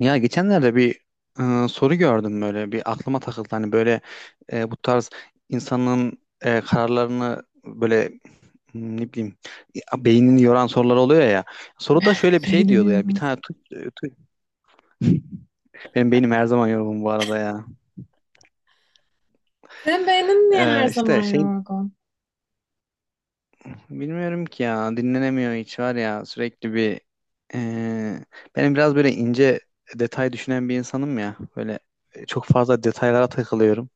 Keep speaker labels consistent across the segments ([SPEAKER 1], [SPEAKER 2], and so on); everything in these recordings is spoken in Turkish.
[SPEAKER 1] Ya geçenlerde bir soru gördüm, böyle bir aklıma takıldı. Hani böyle bu tarz insanın kararlarını böyle ne bileyim ya, beynini yoran sorular oluyor ya. Soruda şöyle bir şey
[SPEAKER 2] Beynini
[SPEAKER 1] diyordu ya, bir
[SPEAKER 2] yoran.
[SPEAKER 1] tane benim beynim her zaman yorgun bu arada ya.
[SPEAKER 2] Sen beynin niye her
[SPEAKER 1] İşte
[SPEAKER 2] zaman
[SPEAKER 1] şey,
[SPEAKER 2] yorgun?
[SPEAKER 1] bilmiyorum ki ya, dinlenemiyor hiç var ya, sürekli bir e, benim biraz böyle ince detay düşünen bir insanım ya. Böyle çok fazla detaylara takılıyorum.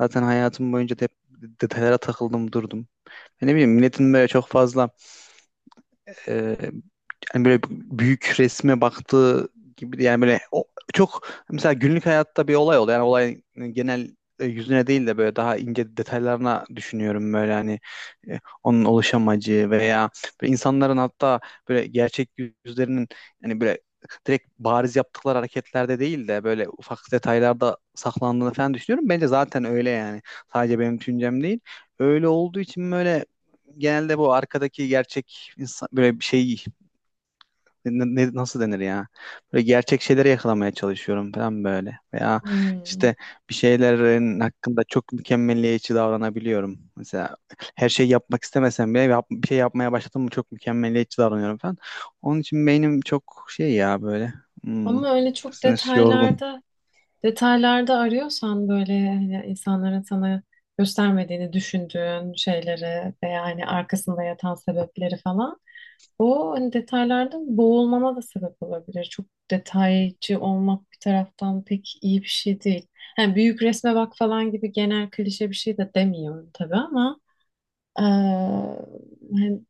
[SPEAKER 1] Zaten hayatım boyunca da hep detaylara takıldım durdum. Hani ne bileyim, milletin böyle çok fazla e, yani böyle büyük resme baktığı gibi, yani böyle o, çok mesela günlük hayatta bir olay oluyor. Yani olayın genel yüzüne değil de böyle daha ince detaylarına düşünüyorum böyle. Hani onun oluş amacı veya böyle insanların, hatta böyle gerçek yüzlerinin, yani böyle direkt bariz yaptıkları hareketlerde değil de böyle ufak detaylarda saklandığını falan düşünüyorum. Bence zaten öyle yani. Sadece benim düşüncem değil. Öyle olduğu için böyle genelde bu arkadaki gerçek insan, böyle bir şey, nasıl denir ya? Böyle gerçek şeyleri yakalamaya çalışıyorum falan böyle. Veya
[SPEAKER 2] Hmm.
[SPEAKER 1] işte bir şeylerin hakkında çok mükemmeliyetçi davranabiliyorum. Mesela her şeyi yapmak istemesem bile bir şey yapmaya başladım mı çok mükemmeliyetçi davranıyorum falan. Onun için beynim çok şey ya böyle. Hmm,
[SPEAKER 2] Ama öyle çok
[SPEAKER 1] Nasıl yorgun.
[SPEAKER 2] detaylarda arıyorsan böyle hani insanların sana göstermediğini düşündüğün şeyleri ve yani arkasında yatan sebepleri falan o hani detaylarda boğulmana da sebep olabilir. Çok detaycı olmak bir taraftan pek iyi bir şey değil. Yani büyük resme bak falan gibi genel klişe bir şey de demiyorum tabii ama Ee, hani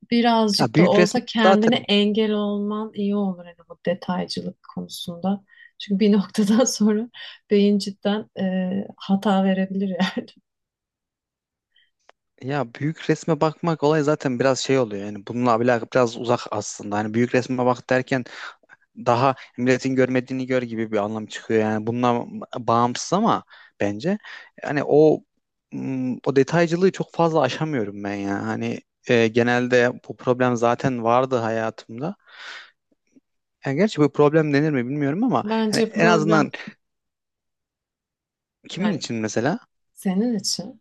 [SPEAKER 1] Ya
[SPEAKER 2] birazcık da
[SPEAKER 1] büyük resme
[SPEAKER 2] olsa kendine
[SPEAKER 1] zaten,
[SPEAKER 2] engel olman iyi olur hani bu detaycılık konusunda. Çünkü bir noktadan sonra beyin cidden hata verebilir yani.
[SPEAKER 1] ya büyük resme bakmak olay zaten biraz şey oluyor. Yani bununla alakalı biraz uzak aslında. Hani büyük resme bak derken daha milletin görmediğini gör gibi bir anlam çıkıyor, yani bundan bağımsız. Ama bence yani o o detaycılığı çok fazla aşamıyorum ben ya. Hani genelde bu problem zaten vardı hayatımda, yani gerçi bu problem denir mi bilmiyorum ama yani
[SPEAKER 2] Bence
[SPEAKER 1] en
[SPEAKER 2] problem
[SPEAKER 1] azından kimin
[SPEAKER 2] yani
[SPEAKER 1] için mesela,
[SPEAKER 2] senin için.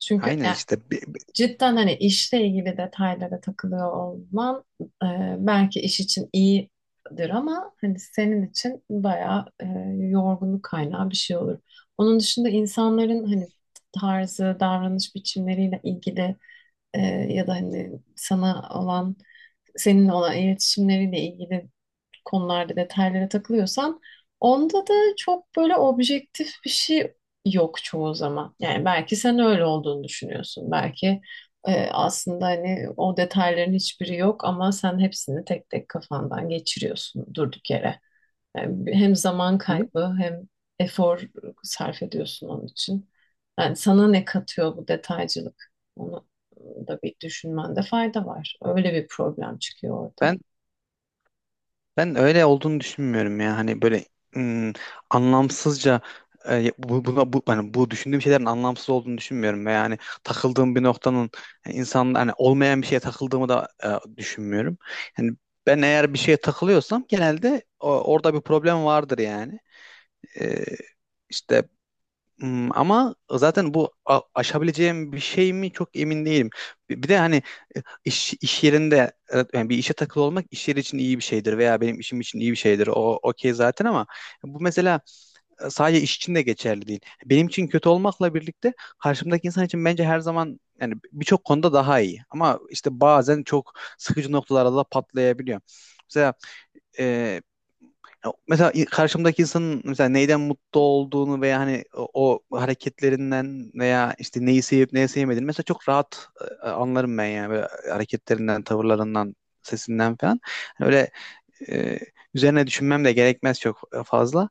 [SPEAKER 2] Çünkü
[SPEAKER 1] aynen
[SPEAKER 2] yani
[SPEAKER 1] işte
[SPEAKER 2] cidden hani işle ilgili detaylara takılıyor olman belki iş için iyidir ama hani senin için bayağı yorgunluk kaynağı bir şey olur. Onun dışında insanların hani tarzı, davranış biçimleriyle ilgili e, ya da hani sana olan seninle olan iletişimleriyle ilgili konularda detaylara takılıyorsan onda da çok böyle objektif bir şey yok çoğu zaman. Yani belki sen öyle olduğunu düşünüyorsun. Belki aslında hani o detayların hiçbiri yok ama sen hepsini tek tek kafandan geçiriyorsun durduk yere. Yani hem zaman
[SPEAKER 1] bi-
[SPEAKER 2] kaybı hem efor sarf ediyorsun onun için. Yani sana ne katıyor bu detaycılık? Onu da bir düşünmende fayda var. Öyle bir problem çıkıyor ortaya.
[SPEAKER 1] ben Ben öyle olduğunu düşünmüyorum ya. Hani böyle ım, anlamsızca bu hani bu düşündüğüm şeylerin anlamsız olduğunu düşünmüyorum ve yani takıldığım bir noktanın, yani insan, hani olmayan bir şeye takıldığımı da düşünmüyorum. Yani ben eğer bir şeye takılıyorsam genelde orada bir problem vardır yani. E, işte ama zaten bu aşabileceğim bir şey mi çok emin değilim. Bir de hani iş yerinde evet, yani bir işe takılı olmak iş yeri için iyi bir şeydir veya benim işim için iyi bir şeydir. O okey zaten ama bu mesela sadece iş için de geçerli değil. Benim için kötü olmakla birlikte karşımdaki insan için bence her zaman, yani birçok konuda daha iyi. Ama işte bazen çok sıkıcı noktalarda da patlayabiliyor. Mesela e, ya mesela karşımdaki insanın mesela neyden mutlu olduğunu veya hani o, o hareketlerinden veya işte neyi sevip neyi sevmediğini mesela çok rahat anlarım ben yani. Böyle hareketlerinden, tavırlarından, sesinden falan. Hani öyle e, üzerine düşünmem de gerekmez çok fazla.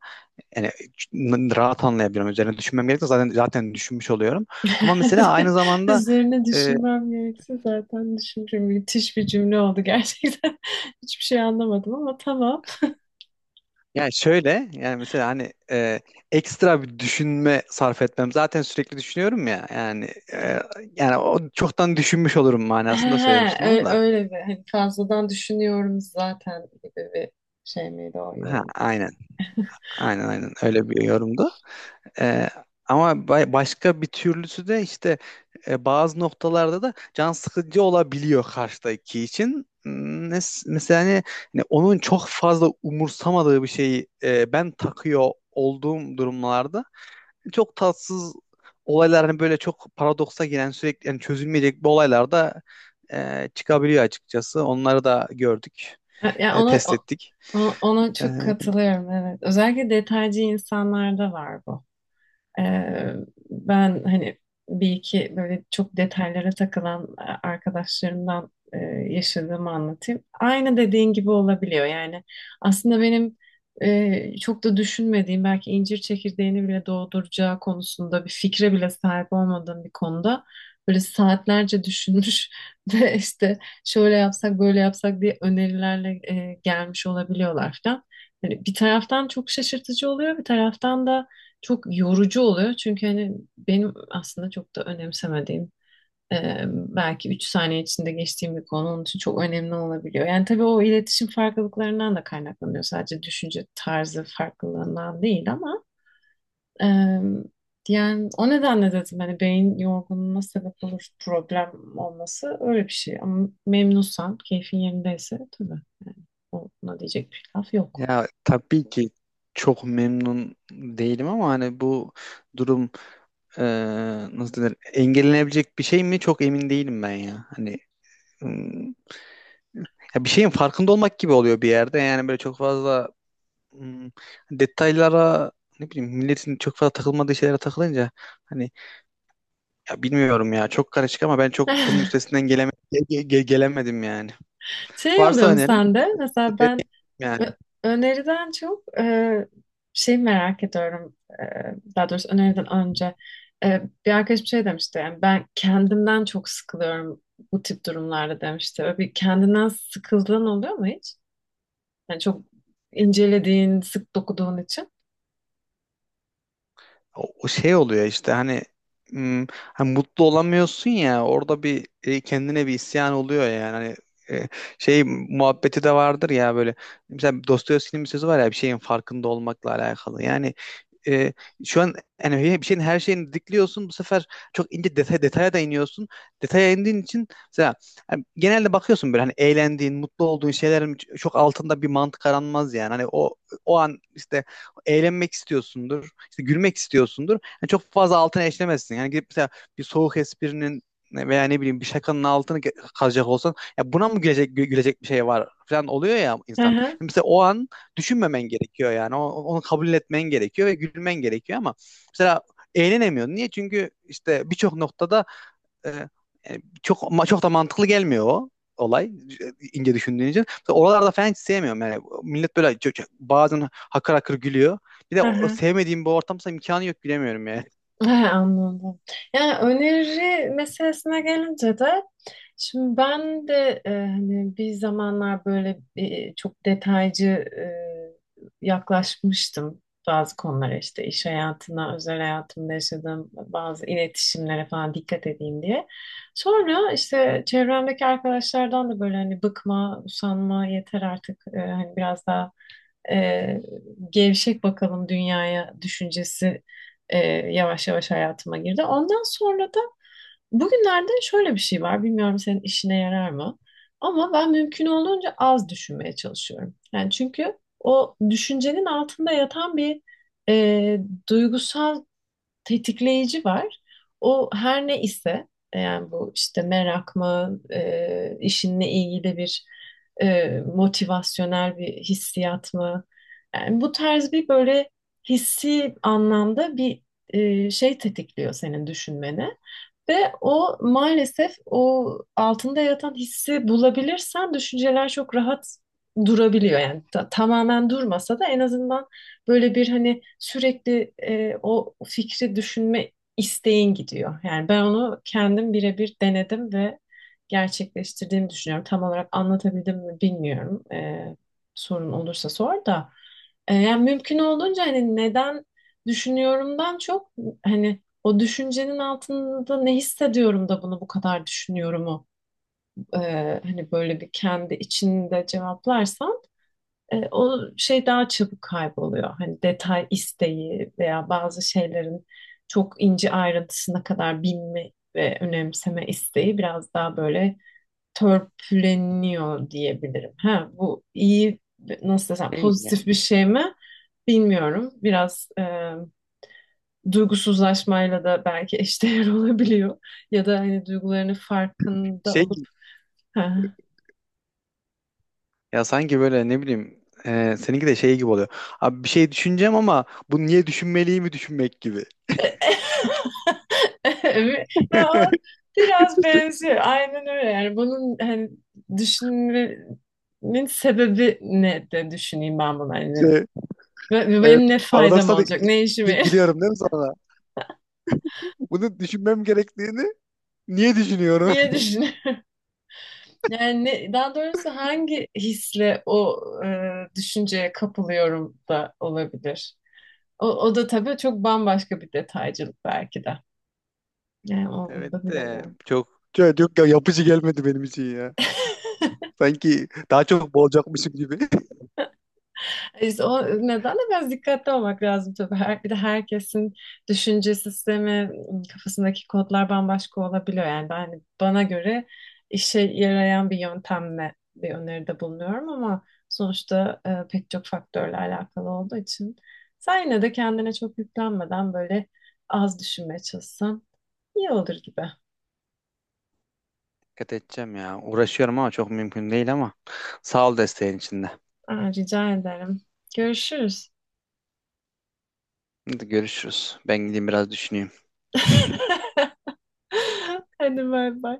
[SPEAKER 1] Yani rahat anlayabilirim. Üzerine düşünmem gerekmez, zaten düşünmüş oluyorum. Ama mesela aynı zamanda
[SPEAKER 2] Üzerine
[SPEAKER 1] e,
[SPEAKER 2] düşünmem gerekse zaten düşünürüm. Müthiş bir cümle oldu gerçekten. Hiçbir şey anlamadım ama tamam.
[SPEAKER 1] yani şöyle, yani mesela hani ekstra bir düşünme sarf etmem. Zaten sürekli düşünüyorum ya yani e, yani o çoktan düşünmüş olurum
[SPEAKER 2] He,
[SPEAKER 1] manasında söylemiştim onu da.
[SPEAKER 2] öyle bir hani fazladan düşünüyorum zaten gibi bir şey miydi o
[SPEAKER 1] Ha,
[SPEAKER 2] yorum?
[SPEAKER 1] aynen, aynen öyle bir yorumdu. E, Ama başka bir türlüsü de işte bazı noktalarda da can sıkıcı olabiliyor karşıdaki için. Mesela hani, hani onun çok fazla umursamadığı bir şeyi ben takıyor olduğum durumlarda çok tatsız olaylar, hani böyle çok paradoksa giren sürekli, yani çözülmeyecek bir olaylar da çıkabiliyor açıkçası. Onları da gördük,
[SPEAKER 2] Ha,
[SPEAKER 1] test ettik.
[SPEAKER 2] ona
[SPEAKER 1] E,
[SPEAKER 2] çok katılıyorum, evet. Özellikle detaycı insanlarda var bu. Ee, ben hani bir iki böyle çok detaylara takılan arkadaşlarımdan yaşadığımı anlatayım. Aynı dediğin gibi olabiliyor. Yani aslında benim çok da düşünmediğim, belki incir çekirdeğini bile doğduracağı konusunda bir fikre bile sahip olmadığım bir konuda böyle saatlerce düşünmüş ve işte şöyle yapsak böyle yapsak diye önerilerle gelmiş olabiliyorlar falan. Hani bir taraftan çok şaşırtıcı oluyor, bir taraftan da çok yorucu oluyor. Çünkü hani benim aslında çok da önemsemediğim, belki 3 saniye içinde geçtiğim bir konu onun için çok önemli olabiliyor. Yani tabii o iletişim farklılıklarından da kaynaklanıyor. Sadece düşünce tarzı farklılığından değil ama e, yani o nedenle dedim hani beyin yorgunluğuna sebep olur problem olması öyle bir şey. Ama memnunsan, keyfin yerindeyse tabii yani ona diyecek bir laf yok.
[SPEAKER 1] Ya tabii ki çok memnun değilim ama hani bu durum e, nasıl denir, engellenebilecek bir şey mi çok emin değilim ben ya. Hani ım, ya bir şeyin farkında olmak gibi oluyor bir yerde, yani böyle çok fazla ım, detaylara, ne bileyim milletin çok fazla takılmadığı şeylere takılınca hani, ya bilmiyorum ya, çok karışık. Ama ben çok bunun üstesinden gelemedim yani.
[SPEAKER 2] Şey
[SPEAKER 1] Varsa
[SPEAKER 2] oluyor mu
[SPEAKER 1] önerin de
[SPEAKER 2] sende? Mesela
[SPEAKER 1] derim
[SPEAKER 2] ben
[SPEAKER 1] yani.
[SPEAKER 2] ö- öneriden çok şey merak ediyorum. E, daha doğrusu öneriden önce. E, bir arkadaşım şey demişti. Yani ben kendimden çok sıkılıyorum bu tip durumlarda demişti. Öyle bir kendinden sıkıldığın oluyor mu hiç? Yani çok incelediğin, sık dokuduğun için.
[SPEAKER 1] O, o şey oluyor işte hani, hani mutlu olamıyorsun ya, orada bir kendine bir isyan oluyor yani. Hani, şey muhabbeti de vardır ya böyle. Mesela Dostoyevski'nin bir sözü var ya, bir şeyin farkında olmakla alakalı. Yani e, şu an yani bir şeyin her şeyini dikliyorsun. Bu sefer çok ince detaya da iniyorsun. Detaya indiğin için mesela yani genelde bakıyorsun böyle, hani eğlendiğin, mutlu olduğun şeylerin çok altında bir mantık aranmaz yani. Hani o, o an işte eğlenmek istiyorsundur, işte gülmek istiyorsundur. Yani çok fazla altına eşlemezsin. Yani gidip mesela bir soğuk esprinin veya ne bileyim bir şakanın altını kazacak olsan, ya buna mı gülecek gülecek bir şey var falan oluyor ya
[SPEAKER 2] Hı
[SPEAKER 1] insan. Yani
[SPEAKER 2] hı.
[SPEAKER 1] mesela o an düşünmemen gerekiyor yani. Onu kabul etmen gerekiyor ve gülmen gerekiyor ama mesela eğlenemiyorsun. Niye? Çünkü işte birçok noktada e, e, çok çok da mantıklı gelmiyor o olay ince düşündüğün için. Mesela oralarda falan hiç sevmiyorum yani. Millet böyle bazen hakır hakır gülüyor. Bir de
[SPEAKER 2] Hı
[SPEAKER 1] o
[SPEAKER 2] hı.
[SPEAKER 1] sevmediğim bu ortamsa imkanı yok, gülemiyorum yani.
[SPEAKER 2] He, anladım. Yani öneri meselesine gelince de şimdi ben de hani bir zamanlar böyle çok detaycı e, yaklaşmıştım bazı konulara, işte iş hayatına, özel hayatımda yaşadığım bazı iletişimlere falan dikkat edeyim diye. Sonra işte çevremdeki arkadaşlardan da böyle hani bıkma, usanma, yeter artık, hani biraz daha e, gevşek bakalım dünyaya düşüncesi yavaş yavaş hayatıma girdi. Ondan sonra da bugünlerde şöyle bir şey var. Bilmiyorum senin işine yarar mı? Ama ben mümkün olduğunca az düşünmeye çalışıyorum. Yani çünkü o düşüncenin altında yatan bir e, duygusal tetikleyici var. O her ne ise yani bu işte merak mı, işinle ilgili bir motivasyonel bir hissiyat mı? Yani bu tarz bir böyle hissi anlamda bir şey tetikliyor senin düşünmeni. Ve o maalesef o altında yatan hissi bulabilirsen düşünceler çok rahat durabiliyor. Yani tamamen durmasa da en azından böyle bir hani sürekli o fikri düşünme isteğin gidiyor. Yani ben onu kendim birebir denedim ve gerçekleştirdiğimi düşünüyorum. Tam olarak anlatabildim mi bilmiyorum. E, sorun olursa sor da. E, yani mümkün olduğunca hani neden düşünüyorumdan çok hani o düşüncenin altında ne hissediyorum da bunu bu kadar düşünyorumu e, hani böyle bir kendi içinde cevaplarsam o şey daha çabuk kayboluyor. Hani detay isteği veya bazı şeylerin çok ince ayrıntısına kadar bilme ve önemseme isteği biraz daha böyle törpüleniyor diyebilirim. Ha, bu iyi, nasıl desem,
[SPEAKER 1] Değil mi
[SPEAKER 2] pozitif
[SPEAKER 1] yani?
[SPEAKER 2] bir şey mi bilmiyorum. Biraz duygusuzlaşmayla da belki eşdeğer olabiliyor. Ya da hani duygularının farkında
[SPEAKER 1] Şey gibi-
[SPEAKER 2] olup ha.
[SPEAKER 1] Ya sanki böyle ne bileyim seninki de şey gibi oluyor. Abi bir şey düşüneceğim ama bunu niye düşünmeliyim mi düşünmek gibi.
[SPEAKER 2] Evet. Ya, biraz benziyor. Aynen öyle. Yani bunun hani düşünmenin sebebi ne de düşüneyim ben bunu. Hani ve
[SPEAKER 1] Evet.
[SPEAKER 2] benim ne faydam
[SPEAKER 1] Paradoksa da
[SPEAKER 2] olacak? Ne işime yarar-
[SPEAKER 1] giriyorum değil mi sonra? Bunu düşünmem gerektiğini niye düşünüyorum?
[SPEAKER 2] Niye düşünüyorum? Yani daha doğrusu hangi hisle o düşünceye kapılıyorum da olabilir. O da tabii çok bambaşka bir detaycılık belki de. Yani onu da
[SPEAKER 1] Evet de
[SPEAKER 2] bilemiyorum.
[SPEAKER 1] çok, çok yapıcı gelmedi benim için ya. Sanki daha çok boğulacakmışım gibi.
[SPEAKER 2] İşte o nedenle biraz dikkatli olmak lazım tabii. Bir de herkesin düşünce sistemi, kafasındaki kodlar bambaşka olabiliyor. Yani ben, hani bana göre işe yarayan bir yöntemle bir öneride bulunuyorum ama sonuçta pek çok faktörle alakalı olduğu için sen yine de kendine çok yüklenmeden böyle az düşünmeye çalışsan iyi olur gibi.
[SPEAKER 1] Dikkat edeceğim ya. Uğraşıyorum ama çok mümkün değil ama sağ ol desteğin içinde.
[SPEAKER 2] Aa, rica ederim. Görüşürüz.
[SPEAKER 1] Hadi görüşürüz. Ben gideyim biraz düşüneyim.
[SPEAKER 2] Hadi bay bay.